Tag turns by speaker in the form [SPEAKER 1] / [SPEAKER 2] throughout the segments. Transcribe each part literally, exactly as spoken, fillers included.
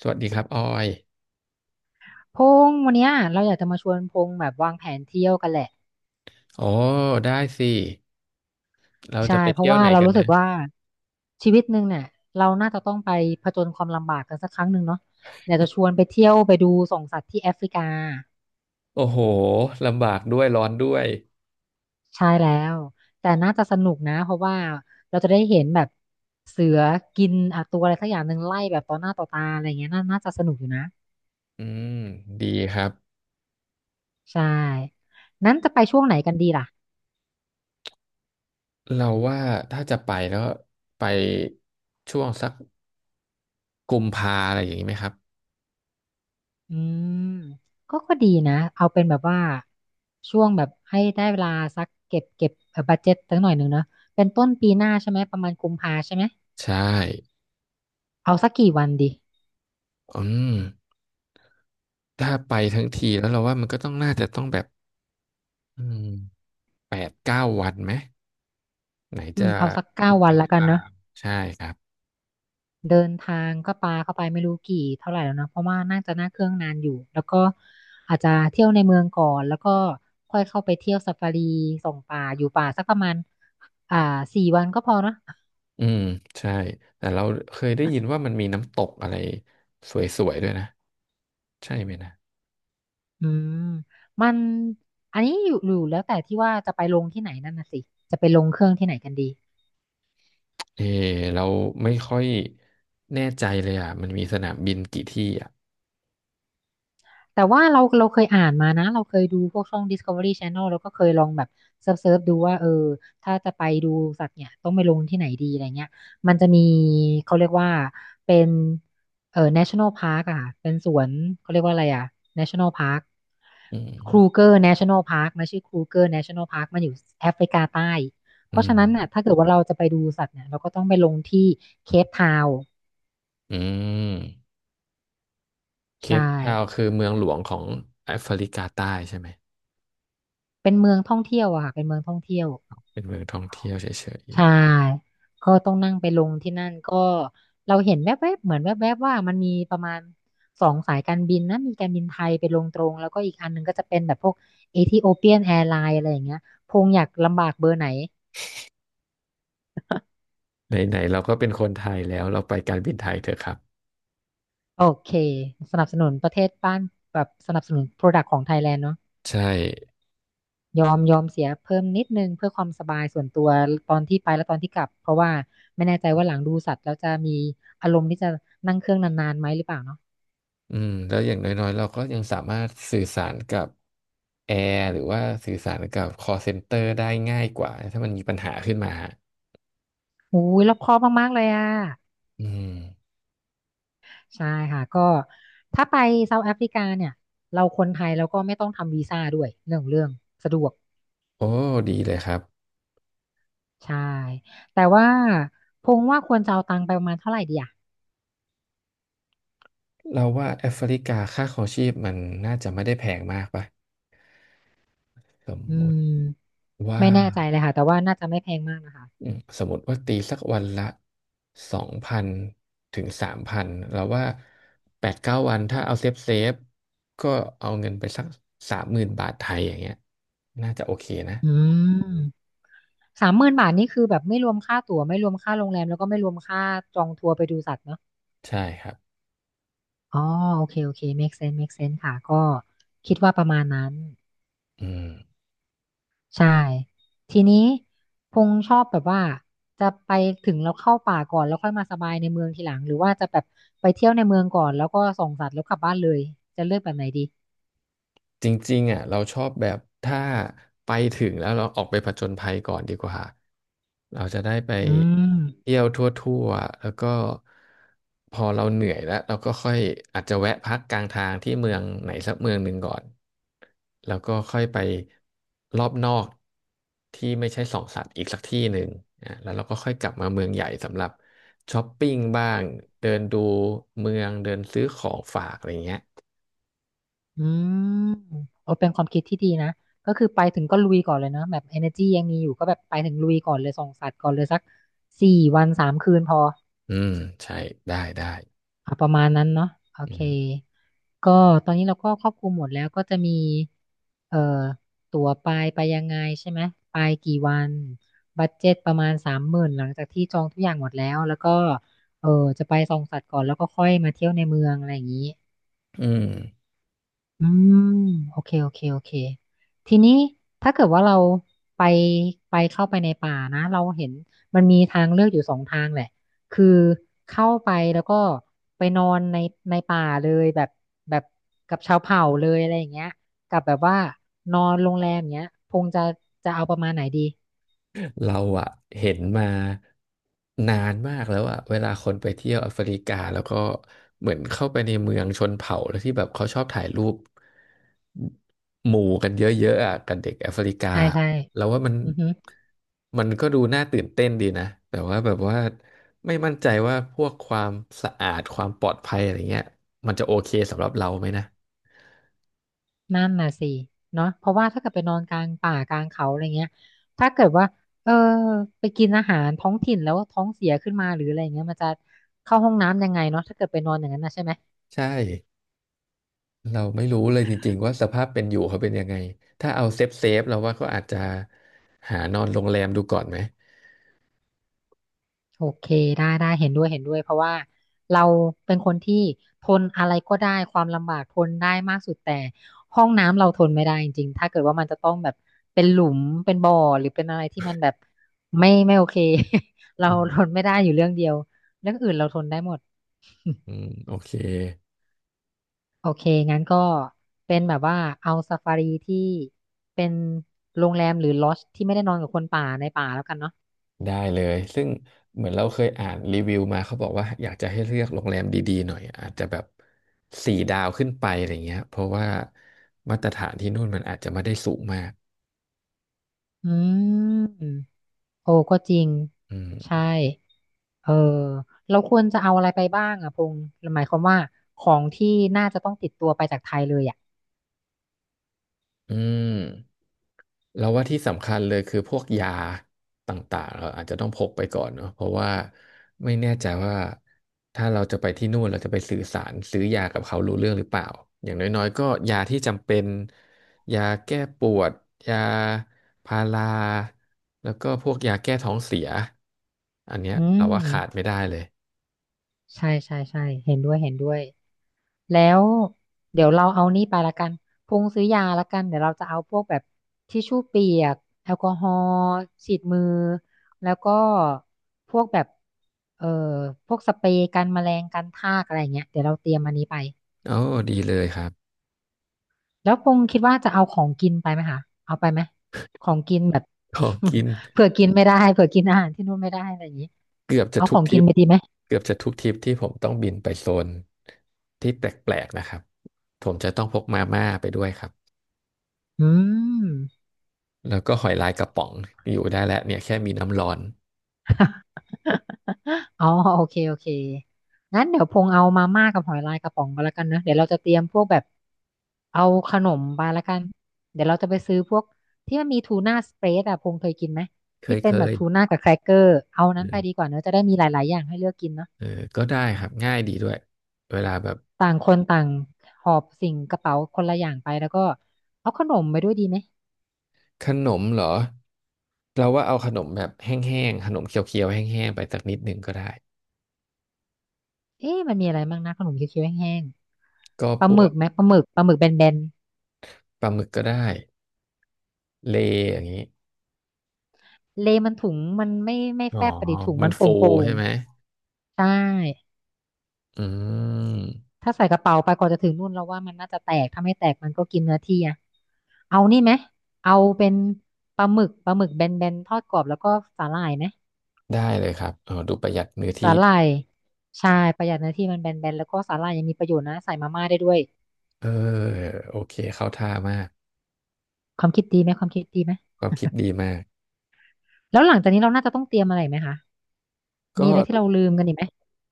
[SPEAKER 1] สวัสดีครับออย
[SPEAKER 2] พงษ์วันเนี้ยเราอยากจะมาชวนพงษ์แบบวางแผนเที่ยวกันแหละ
[SPEAKER 1] โอ้ได้สิ เราจะ
[SPEAKER 2] ใช่
[SPEAKER 1] ไป
[SPEAKER 2] เพ
[SPEAKER 1] เที่
[SPEAKER 2] ราะ
[SPEAKER 1] ยว
[SPEAKER 2] ว่า
[SPEAKER 1] ไหน
[SPEAKER 2] เรา
[SPEAKER 1] กัน
[SPEAKER 2] รู้สึ
[SPEAKER 1] นะ
[SPEAKER 2] กว่าชีวิตหนึ่งเนี่ยเราน่าจะต้องไปผจญความลำบากกันสักครั้งหนึ่งเนาะอยากจะชวนไปเที่ยวไปดูส่องสัตว์ที่แอฟริกา
[SPEAKER 1] โอ้โหลำบากด้วยร้อนด้วย
[SPEAKER 2] ใช่แล้วแต่น่าจะสนุกนะเพราะว่าเราจะได้เห็นแบบเสือกินอ่ะตัวอะไรสักอย่างหนึ่งไล่แบบต่อหน้าต่อตาอะไรเงี้ยน่าน่าจะสนุกอยู่นะ
[SPEAKER 1] อืมดีครับ
[SPEAKER 2] ใช่นั้นจะไปช่วงไหนกันดีล่ะ
[SPEAKER 1] เราว่าถ้าจะไปแล้วไปช่วงสักกุมภาอะไรอย่างนี้ไหมครับ
[SPEAKER 2] อืมก็ก็ดีนะเอาเป็นแบบว่าช่วงแบบให้ได้เวลาสักเก็บเก็บเอ่อบัดเจ็ตสักหน่อยหนึ่งเนาะเป็นต้นปีหน้าใช่ไหมประมาณกุมภาใช่ไหม
[SPEAKER 1] ใช่
[SPEAKER 2] เอาสักกี่วันดี
[SPEAKER 1] อืมถ้าไปทั้งทีแล้วเราว่ามันก็ต้องน่าจะต้องแบบอืมแปดเก้าวันไหมไหน
[SPEAKER 2] อื
[SPEAKER 1] จะ
[SPEAKER 2] มเอาสักเก้าวั
[SPEAKER 1] เดิ
[SPEAKER 2] น
[SPEAKER 1] น
[SPEAKER 2] แล้วกัน
[SPEAKER 1] ทา
[SPEAKER 2] เนาะ
[SPEAKER 1] งใช่ครับ
[SPEAKER 2] เดินทางก็ปาเข้าไปไม่รู้กี่เท่าไหร่แล้วเนาะเพราะว่าน่าจะนั่งเครื่องนานอยู่แล้วก็อาจจะเที่ยวในเมืองก่อนแล้วก็ค่อยเข้าไปเที่ยวซาฟารีส่องป่าอยู่ป่าสักประมาณอ่าสี่วันก็พอเนาะ
[SPEAKER 1] อืมใช่แต่เราเคยได้ยินว่ามันมีน้ำตกอะไรสวยๆด้วยนะ ใช่ไหมนะ
[SPEAKER 2] อืมมันอันนี้อยู่อยู่แล้วแต่ที่ว่าจะไปลงที่ไหนนั่นน่ะสิ
[SPEAKER 1] เออเราไม่ค่อยแน่ใจเลยอ่ะมันมีสนามบินกี่ที่อ่ะ
[SPEAKER 2] แต่ว่าเราเราเคยอ่านมานะเราเคยดูพวกช่อง Discovery Channel แล้วก็เคยลองแบบเซิร์ฟเซิร์ฟดูว่าเออถ้าจะไปดูสัตว์เนี่ยต้องไปลงที่ไหนดีอะไรเงี้ยมันจะมีเขาเรียกว่าเป็นเอ่อ National Park อะค่ะเป็นสวนเขาเรียกว่าอะไรอะ National Park
[SPEAKER 1] อืม
[SPEAKER 2] คร u g e r National Park มันชื่อครูเกอร์ National Park มันอยู่แอฟริกาใต้เพ
[SPEAKER 1] อื
[SPEAKER 2] ราะฉะ
[SPEAKER 1] ม
[SPEAKER 2] นั้นน่ะถ้าเกิดว่าเราจะไปดูสัตว์เนี่ยเราก็ต้องไปลงที่เคปทาวน์
[SPEAKER 1] อืมเค
[SPEAKER 2] ใช่
[SPEAKER 1] ปทาวน์คือเมืองหลวงของแอฟริกาใต้ใช่ไหม
[SPEAKER 2] เป็นเมืองท่องเที่ยวอะค่ะเป็นเมืองท่องเที่ยว
[SPEAKER 1] เป็นเมืองท่องเที่ยวเฉ
[SPEAKER 2] ใช่
[SPEAKER 1] ย
[SPEAKER 2] ก็ต้องนั่งไปลงที่นั่นก็เราเห็นแวบๆเหมือนแวบๆว่ามันมีประมาณสองสายการบินนะมีการบินไทยไปลงตรงแล้วก็อีกอันหนึงก็จะเป็นแบบพวกเอธิโอเปียนแอร์ไลน์อะไรอย่างเงี้ยพงอยากลำบากเบอร์ไหน
[SPEAKER 1] ๆไหนๆเราก็เป็นคนไทยแล้วเราไปการบินไทยเถอะครับ
[SPEAKER 2] โอเคสนับสนุนประเทศบ้านแบบสนับสนุนโปรดักต์ของไทยแลนด์เนาะ
[SPEAKER 1] ใช่
[SPEAKER 2] ยอมยอมเสียเพิ่มนิดนึงเพื่อความสบายส่วนตัวตอนที่ไปและตอนที่กลับเพราะว่าไม่แน่ใจว่าหลังดูสัตว์แล้วจะมีอารมณ์ที่จะนั่งเครื่องนานๆไหมหรือเปล่าเนาะ
[SPEAKER 1] อืมแล้วอย่างน้อยๆเราก็ยังสามารถสื่อสารกับแอร์หรือว่าสื่อสารกับ call center ได้ง่ายกว่า ถ้ามันมีปัญหาขึ้นมา
[SPEAKER 2] โอ้ยรอบคอบมากๆเลยอ่ะ
[SPEAKER 1] อืม
[SPEAKER 2] ใช่ค่ะก็ถ้าไปเซาท์แอฟริกาเนี่ยเราคนไทยเราก็ไม่ต้องทำวีซ่าด้วยเรื่องเรื่องสะดวก
[SPEAKER 1] โอ้ดีเลยครับ
[SPEAKER 2] ใช่แต่ว่าพงว่าควรจะเอาตังค์ไปประมาณเท่าไหร่ดีอ่ะ
[SPEAKER 1] เราว่าแอฟริกาค่าครองชีพมันน่าจะไม่ได้แพงมากป่ะสม
[SPEAKER 2] อื
[SPEAKER 1] มติ
[SPEAKER 2] ม
[SPEAKER 1] ว่า
[SPEAKER 2] ไม่แน่ใจเลยค่ะแต่ว่าน่าจะไม่แพงมากนะคะ
[SPEAKER 1] อืมสมมติว่าตีสักวันละสองพันถึงสามพันเราว่าแปดเก้าวันถ้าเอาเซฟเซฟก็เอาเงินไปสักสามหมื่นบาทไทยอย่างเงี้ยน่าจะโอเคนะ
[SPEAKER 2] อืมสามหมื่นบาทนี่คือแบบไม่รวมค่าตั๋วไม่รวมค่าโรงแรมแล้วก็ไม่รวมค่าจองทัวร์ไปดูสัตว์เนาะ
[SPEAKER 1] ใช่ครับ
[SPEAKER 2] อ๋อโอเคโอเค make sense make sense ค่ะก็คิดว่าประมาณนั้น
[SPEAKER 1] อืม
[SPEAKER 2] ใช่ทีนี้พงษ์ชอบแบบว่าจะไปถึงเราเข้าป่าก่อนแล้วค่อยมาสบายในเมืองทีหลังหรือว่าจะแบบไปเที่ยวในเมืองก่อนแล้วก็ส่องสัตว์แล้วกลับบ้านเลยจะเลือกแบบไหนดี
[SPEAKER 1] จริงๆอ่ะเราชอบแบบถ้าไปถึงแล้วเราออกไปผจญภัยก่อนดีกว่าเราจะได้ไป
[SPEAKER 2] อืม
[SPEAKER 1] เที่ยวทั่วๆแล้วก็พอเราเหนื่อยแล้วเราก็ค่อยอาจจะแวะพักกลางทางที่เมืองไหนสักเมืองหนึ่งก่อนแล้วก็ค่อยไปรอบนอกที่ไม่ใช่สองสัตว์อีกสักที่หนึ่งอ่ะแล้วเราก็ค่อยกลับมาเมืองใหญ่สำหรับช้อปปิ้งบ้างเดินดูเมืองเดินซื้อของฝากอะไรเงี้ย
[SPEAKER 2] อืมโอ้เป็นความคิดที่ดีนะก็คือไปถึงก็ลุยก่อนเลยเนอะแบบ energy ยังมีอยู่ก็แบบไปถึงลุยก่อนเลยส่องสัตว์ก่อนเลยสักสี่วันสามคืนพอ
[SPEAKER 1] อืมใช่ได้ได้
[SPEAKER 2] อ่ะประมาณนั้นเนาะโอ
[SPEAKER 1] อื
[SPEAKER 2] เค
[SPEAKER 1] ม
[SPEAKER 2] ก็ตอนนี้เราก็ครอบคลุมหมดแล้วก็จะมีเอ่อตั๋วไปไปยังไงใช่ไหมไปกี่วันบัดเจ็ตประมาณสามหมื่นหลังจากที่จองทุกอย่างหมดแล้วแล้วก็เออจะไปส่องสัตว์ก่อนแล้วก็ค่อยมาเที่ยวในเมืองอะไรอย่างนี้
[SPEAKER 1] อืม
[SPEAKER 2] อืมโอเคโอเคโอเคทีนี้ถ้าเกิดว่าเราไปไปเข้าไปในป่านะเราเห็นมันมีทางเลือกอยู่สองทางแหละคือเข้าไปแล้วก็ไปนอนในในป่าเลยแบบแบบกับชาวเผ่าเลยอะไรอย่างเงี้ยกับแบบว่านอนโรงแรมอย่างเงี้ยคงจะจะเอาประมาณไหนดี
[SPEAKER 1] เราอะเห็นมานานมากแล้วอะเวลาคนไปเที่ยวแอฟริกาแล้วก็เหมือนเข้าไปในเมืองชนเผ่าแล้วที่แบบเขาชอบถ่ายรูปหมู่กันเยอะๆอะกับเด็กแอฟริกา
[SPEAKER 2] ใช่ใช่
[SPEAKER 1] แล้วว่ามัน
[SPEAKER 2] อือฮึ
[SPEAKER 1] มันก็ดูน่าตื่นเต้นดีนะแต่ว่าแบบว่าไม่มั่นใจว่าพวกความสะอาดความปลอดภัยอะไรเงี้ยมันจะโอเคสำหรับเราไหมนะ
[SPEAKER 2] นั่นน่ะสิเนาะเพราะว่าถ้าเกิดไปนอนกลางป่ากลางเขาอะไรเงี้ยถ้าเกิดว่าเออไปกินอาหารท้องถิ่นแล้วท้องเสียขึ้นมาหรืออะไรเงี้ยมันจะเข้าห้องน้ำยังไงเนาะถ้าเกิดไปนอนอย่างนั้นนะใช่ไหม
[SPEAKER 1] ใช่ เราไม่รู้เลยจริงๆว่าสภาพเป็นอยู่เขาเป็นยังไง ถ้าเอาเซฟเซฟเราว่าเขาอาจจะหานอนโรงแรมดูก่อนไหม
[SPEAKER 2] โอเคได้ได้เห็นด้วยเห็นด้วยเพราะว่าเราเป็นคนที่ทนอะไรก็ได้ความลำบากทนได้มากสุดแต่ห้องน้ำเราทนไม่ได้จริงๆถ้าเกิดว่ามันจะต้องแบบเป็นหลุมเป็นบ่อหรือเป็นอะไรที่มันแบบไม่ไม่โอเค เรา
[SPEAKER 1] อืม
[SPEAKER 2] ทนไม่ได้อยู่เรื่องเดียวเรื่องอื่นเราทนได้หมด
[SPEAKER 1] อืมโอเค
[SPEAKER 2] โอเค งั้นก็เป็นแบบว่าเอาซาฟารีที่เป็นโรงแรมหรือลอดจ์ที่ไม่ได้นอนกับคนป่าในป่าแล้วกันเนาะ
[SPEAKER 1] ได้เลย ซึ่งเหมือนเราเคยอ่านรีวิวมาเขาบอกว่าอยากจะให้เลือกโรงแรมดีๆหน่อยอาจจะแบบสี่ดาวขึ้นไปอะไรเงี้ยเพราะว่ามาตรฐานที่นู่นมันอาจจะไม่ได้สูงมาก
[SPEAKER 2] อืม โอ้ก็จริง
[SPEAKER 1] อื
[SPEAKER 2] ใช่
[SPEAKER 1] ม
[SPEAKER 2] เออ เราควรจะเอาอะไรไปบ้างอะพงษ์หมายความว่าของที่น่าจะต้องติดตัวไปจากไทยเลยอะ
[SPEAKER 1] อืม เราว่าที่สำคัญเลยคือพวกยาต่างๆเราอาจจะต้องพกไปก่อนเนอะเพราะว่าไม่แน่ใจว่าถ้าเราจะไปที่นู่นเราจะไปสื่อสารซื้อยากับเขารู้เรื่องหรือเปล่าอย่างน้อยๆก็ยาที่จำเป็นยาแก้ปวดยาพาราแล้วก็พวกยาแก้ท้องเสียอันเนี้ย
[SPEAKER 2] อื
[SPEAKER 1] เราว่าขาด
[SPEAKER 2] ม
[SPEAKER 1] ไม่ได้เลย
[SPEAKER 2] ใช่ ใช่ ใช่ เห็นด้วยเห็นด้วย แล้วเดี๋ยวเราเอานี่ไปละกันพงซื้อยาละกันเดี๋ยวเราจะเอาพวกแบบทิชชู่เปียกแอลกอฮอล์ฉีดมือแล้วก็พวกแบบเอ่อพวกสเปรย์กันแมลงกันทากอะไรอย่างเงี้ยเดี๋ยวเราเตรียมอันนี้ไป
[SPEAKER 1] โอ้ดีเลยครับ
[SPEAKER 2] แล้วพงคิดว่าจะเอาของกินไปไหมคะเอาไปไหมของกินแบบ
[SPEAKER 1] ของกิน
[SPEAKER 2] เผื่อกินไม่ได้เผื่อกินอาหารที่นู่นไม่ได้อะไรอย่างงี้
[SPEAKER 1] เกือบจะ
[SPEAKER 2] เอา
[SPEAKER 1] ทุ
[SPEAKER 2] ขอ
[SPEAKER 1] ก
[SPEAKER 2] ง
[SPEAKER 1] ท
[SPEAKER 2] กิ
[SPEAKER 1] ริ
[SPEAKER 2] น
[SPEAKER 1] ป
[SPEAKER 2] ไปดีไหม
[SPEAKER 1] เกือบจะทุกทริปที่ผมต้องบินไปโซนที่แปลกๆนะครับผมจะต้องพกมาม่าไปด้วยครับ
[SPEAKER 2] อืม
[SPEAKER 1] แล้วก็หอยลายกระป๋องอยู่ได้แล้วเนี่ยแค่มีน้ำร้อน
[SPEAKER 2] อ๋อโอเคโอเคงั้นเดี๋ยวพงเอามาม่ากับหอยลายกระป๋องกัแล้วกันเนอะเดี๋ยวเราจะเตรียมพวกแบบเอาขนมไปแล้วกันเดี๋ยวเราจะไปซื้อพวกที่มันมีทูน่าสเปรดอะพงเคยกินไหม
[SPEAKER 1] เค
[SPEAKER 2] ที่
[SPEAKER 1] ย
[SPEAKER 2] เป็
[SPEAKER 1] เค
[SPEAKER 2] นแบบ
[SPEAKER 1] ย
[SPEAKER 2] ทูน่ากับแครกเกอร์เอานั้นไปดี
[SPEAKER 1] เออ
[SPEAKER 2] กว่าเนอะจะได้มีหลาย ๆ อย่างให้เลือกกินเนอะ
[SPEAKER 1] เออก็ได้ครับง่ายดีด้วยเวลาแบบ
[SPEAKER 2] ต่างคนต่างหอบสิ่งกระเป๋าคนละอย่างไปแล้วก็เอาขนมไปด้วยดีไหม
[SPEAKER 1] ขนมเหรอเราว่าเอาขนมแบบแห้งๆขนมเคี้ยวๆแห้งๆไปสักนิดหนึ่งก็ได้
[SPEAKER 2] เอ๊ะมันมีอะไรบ้างนะขนมเคี้ยวๆแห้ง
[SPEAKER 1] ก็
[SPEAKER 2] ๆป
[SPEAKER 1] พ
[SPEAKER 2] ลาห
[SPEAKER 1] ว
[SPEAKER 2] มึ
[SPEAKER 1] ก
[SPEAKER 2] กไหมปลาหมึกปลาหมึกแบนๆ
[SPEAKER 1] ปลาหมึกก็ได้เลอย่างนี้
[SPEAKER 2] เลมันถุงมันไม่ไม่
[SPEAKER 1] อ๋อ
[SPEAKER 2] แฟบไปดิถุง
[SPEAKER 1] มั
[SPEAKER 2] มั
[SPEAKER 1] น
[SPEAKER 2] นโป่
[SPEAKER 1] ฟู
[SPEAKER 2] งๆ่ง
[SPEAKER 1] ใช่ไหม
[SPEAKER 2] ใช่
[SPEAKER 1] อืม
[SPEAKER 2] ถ้าใส่กระเป๋าไปกว่อนจะถึงนู่นเราว่ามันน่าจะแตกถ้าไม่แตกมันก็กินเนื้อที่อะเอานี่ไหมเอาเป็นปลาหมึกปลาหมึกแบนๆทอดกรอบแล้วก็สาหร่ายไหม
[SPEAKER 1] ได้เลยครับเออดูประหยัดเนื้อ
[SPEAKER 2] สา
[SPEAKER 1] ที่
[SPEAKER 2] หร่ายใช่ประหยัดเนื้อที่มันแบนๆแล้วก็สาหร่ายยังมีประโยชน์นะใส่มาม่าได้ด้วย
[SPEAKER 1] เออ โอเค เข้าท่ามาก
[SPEAKER 2] ความคิดดีไหมความคิดดีไหม
[SPEAKER 1] ความคิดดีมาก
[SPEAKER 2] แล้วหลังจากนี้เราน่าจะต้องเตรียมอะไรไหมคะ
[SPEAKER 1] ก็
[SPEAKER 2] มีอะไรที่เราลืมกันอีกไหม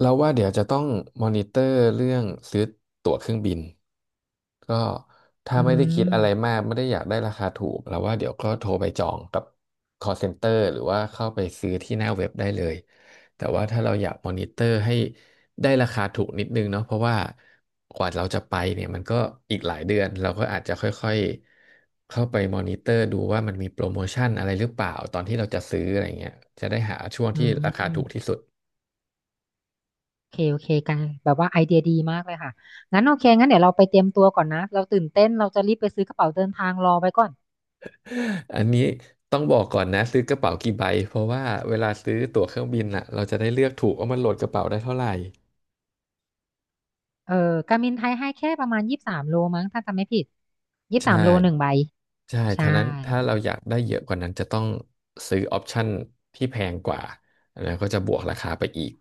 [SPEAKER 1] เราว่าเดี๋ยวจะต้องมอนิเตอร์เรื่องซื้อตั๋วเครื่องบินก็ถ้า
[SPEAKER 2] อื
[SPEAKER 1] ไม่ได้คิด
[SPEAKER 2] ม
[SPEAKER 1] อะไรมากไม่ได้อยากได้ราคาถูกเราว่าเดี๋ยวก็โทรไปจองกับ call center หรือว่าเข้าไปซื้อที่หน้าเว็บได้เลยแต่ว่าถ้าเราอยากมอนิเตอร์ให้ได้ราคาถูกนิดนึงเนาะเพราะว่ากว่าเราจะไปเนี่ยมันก็อีกหลายเดือนเราก็อาจจะค่อยๆเข้าไปมอนิเตอร์ดูว่ามันมีโปรโมชั่นอะไรหรือเปล่าตอนที่เราจะซื้ออะไรเงี้ยจะได้หาช่วง
[SPEAKER 2] อื
[SPEAKER 1] ที่ราคาถูก
[SPEAKER 2] ม
[SPEAKER 1] ที่สุด
[SPEAKER 2] โอเคโอเคกันแบบว่าไอเดียดีมากเลยค่ะงั้นโอเคงั้นเดี๋ยวเราไปเตรียมตัวก่อนนะเราตื่นเต้นเราจะรีบไปซื้อกระเป๋าเดินทางรอไว้ก่อน
[SPEAKER 1] อันนี้ต้องบอกก่อนนะซื้อกระเป๋ากี่ใบเพราะว่าเวลาซื้อตั๋วเครื่องบินอ่ะเราจะได้เลือกถูกว่ามันโหลดกระเป๋าได้เท่าไหร่
[SPEAKER 2] เออการบินไทยให้แค่ประมาณยี่สิบสามโลมั้งถ้าจำไม่ผิดยี่สิบสา
[SPEAKER 1] ใช่
[SPEAKER 2] มโลหนึ่งใบ
[SPEAKER 1] ใช่
[SPEAKER 2] ใช่
[SPEAKER 1] ท่านั้นถ้าเราอยากได้เยอะกว่านั้นจะต้องซื้อออปชั่นที่แพงกว่าแล้วก็จะบวกราคาไปอีก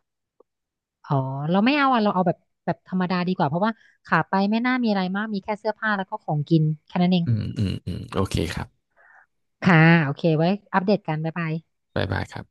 [SPEAKER 2] อ๋อเราไม่เอาอ่ะเราเอาแบบแบบธรรมดาดีกว่าเพราะว่าขาไปไม่น่ามีอะไรมากมีแค่เสื้อผ้าแล้วก็ของกินแค่นั้นเอง
[SPEAKER 1] อืมอืมอืมโอเคครับ
[SPEAKER 2] ค่ะโอเคไว้อัปเดตกันบ๊ายบาย
[SPEAKER 1] บ๊ายบายครับ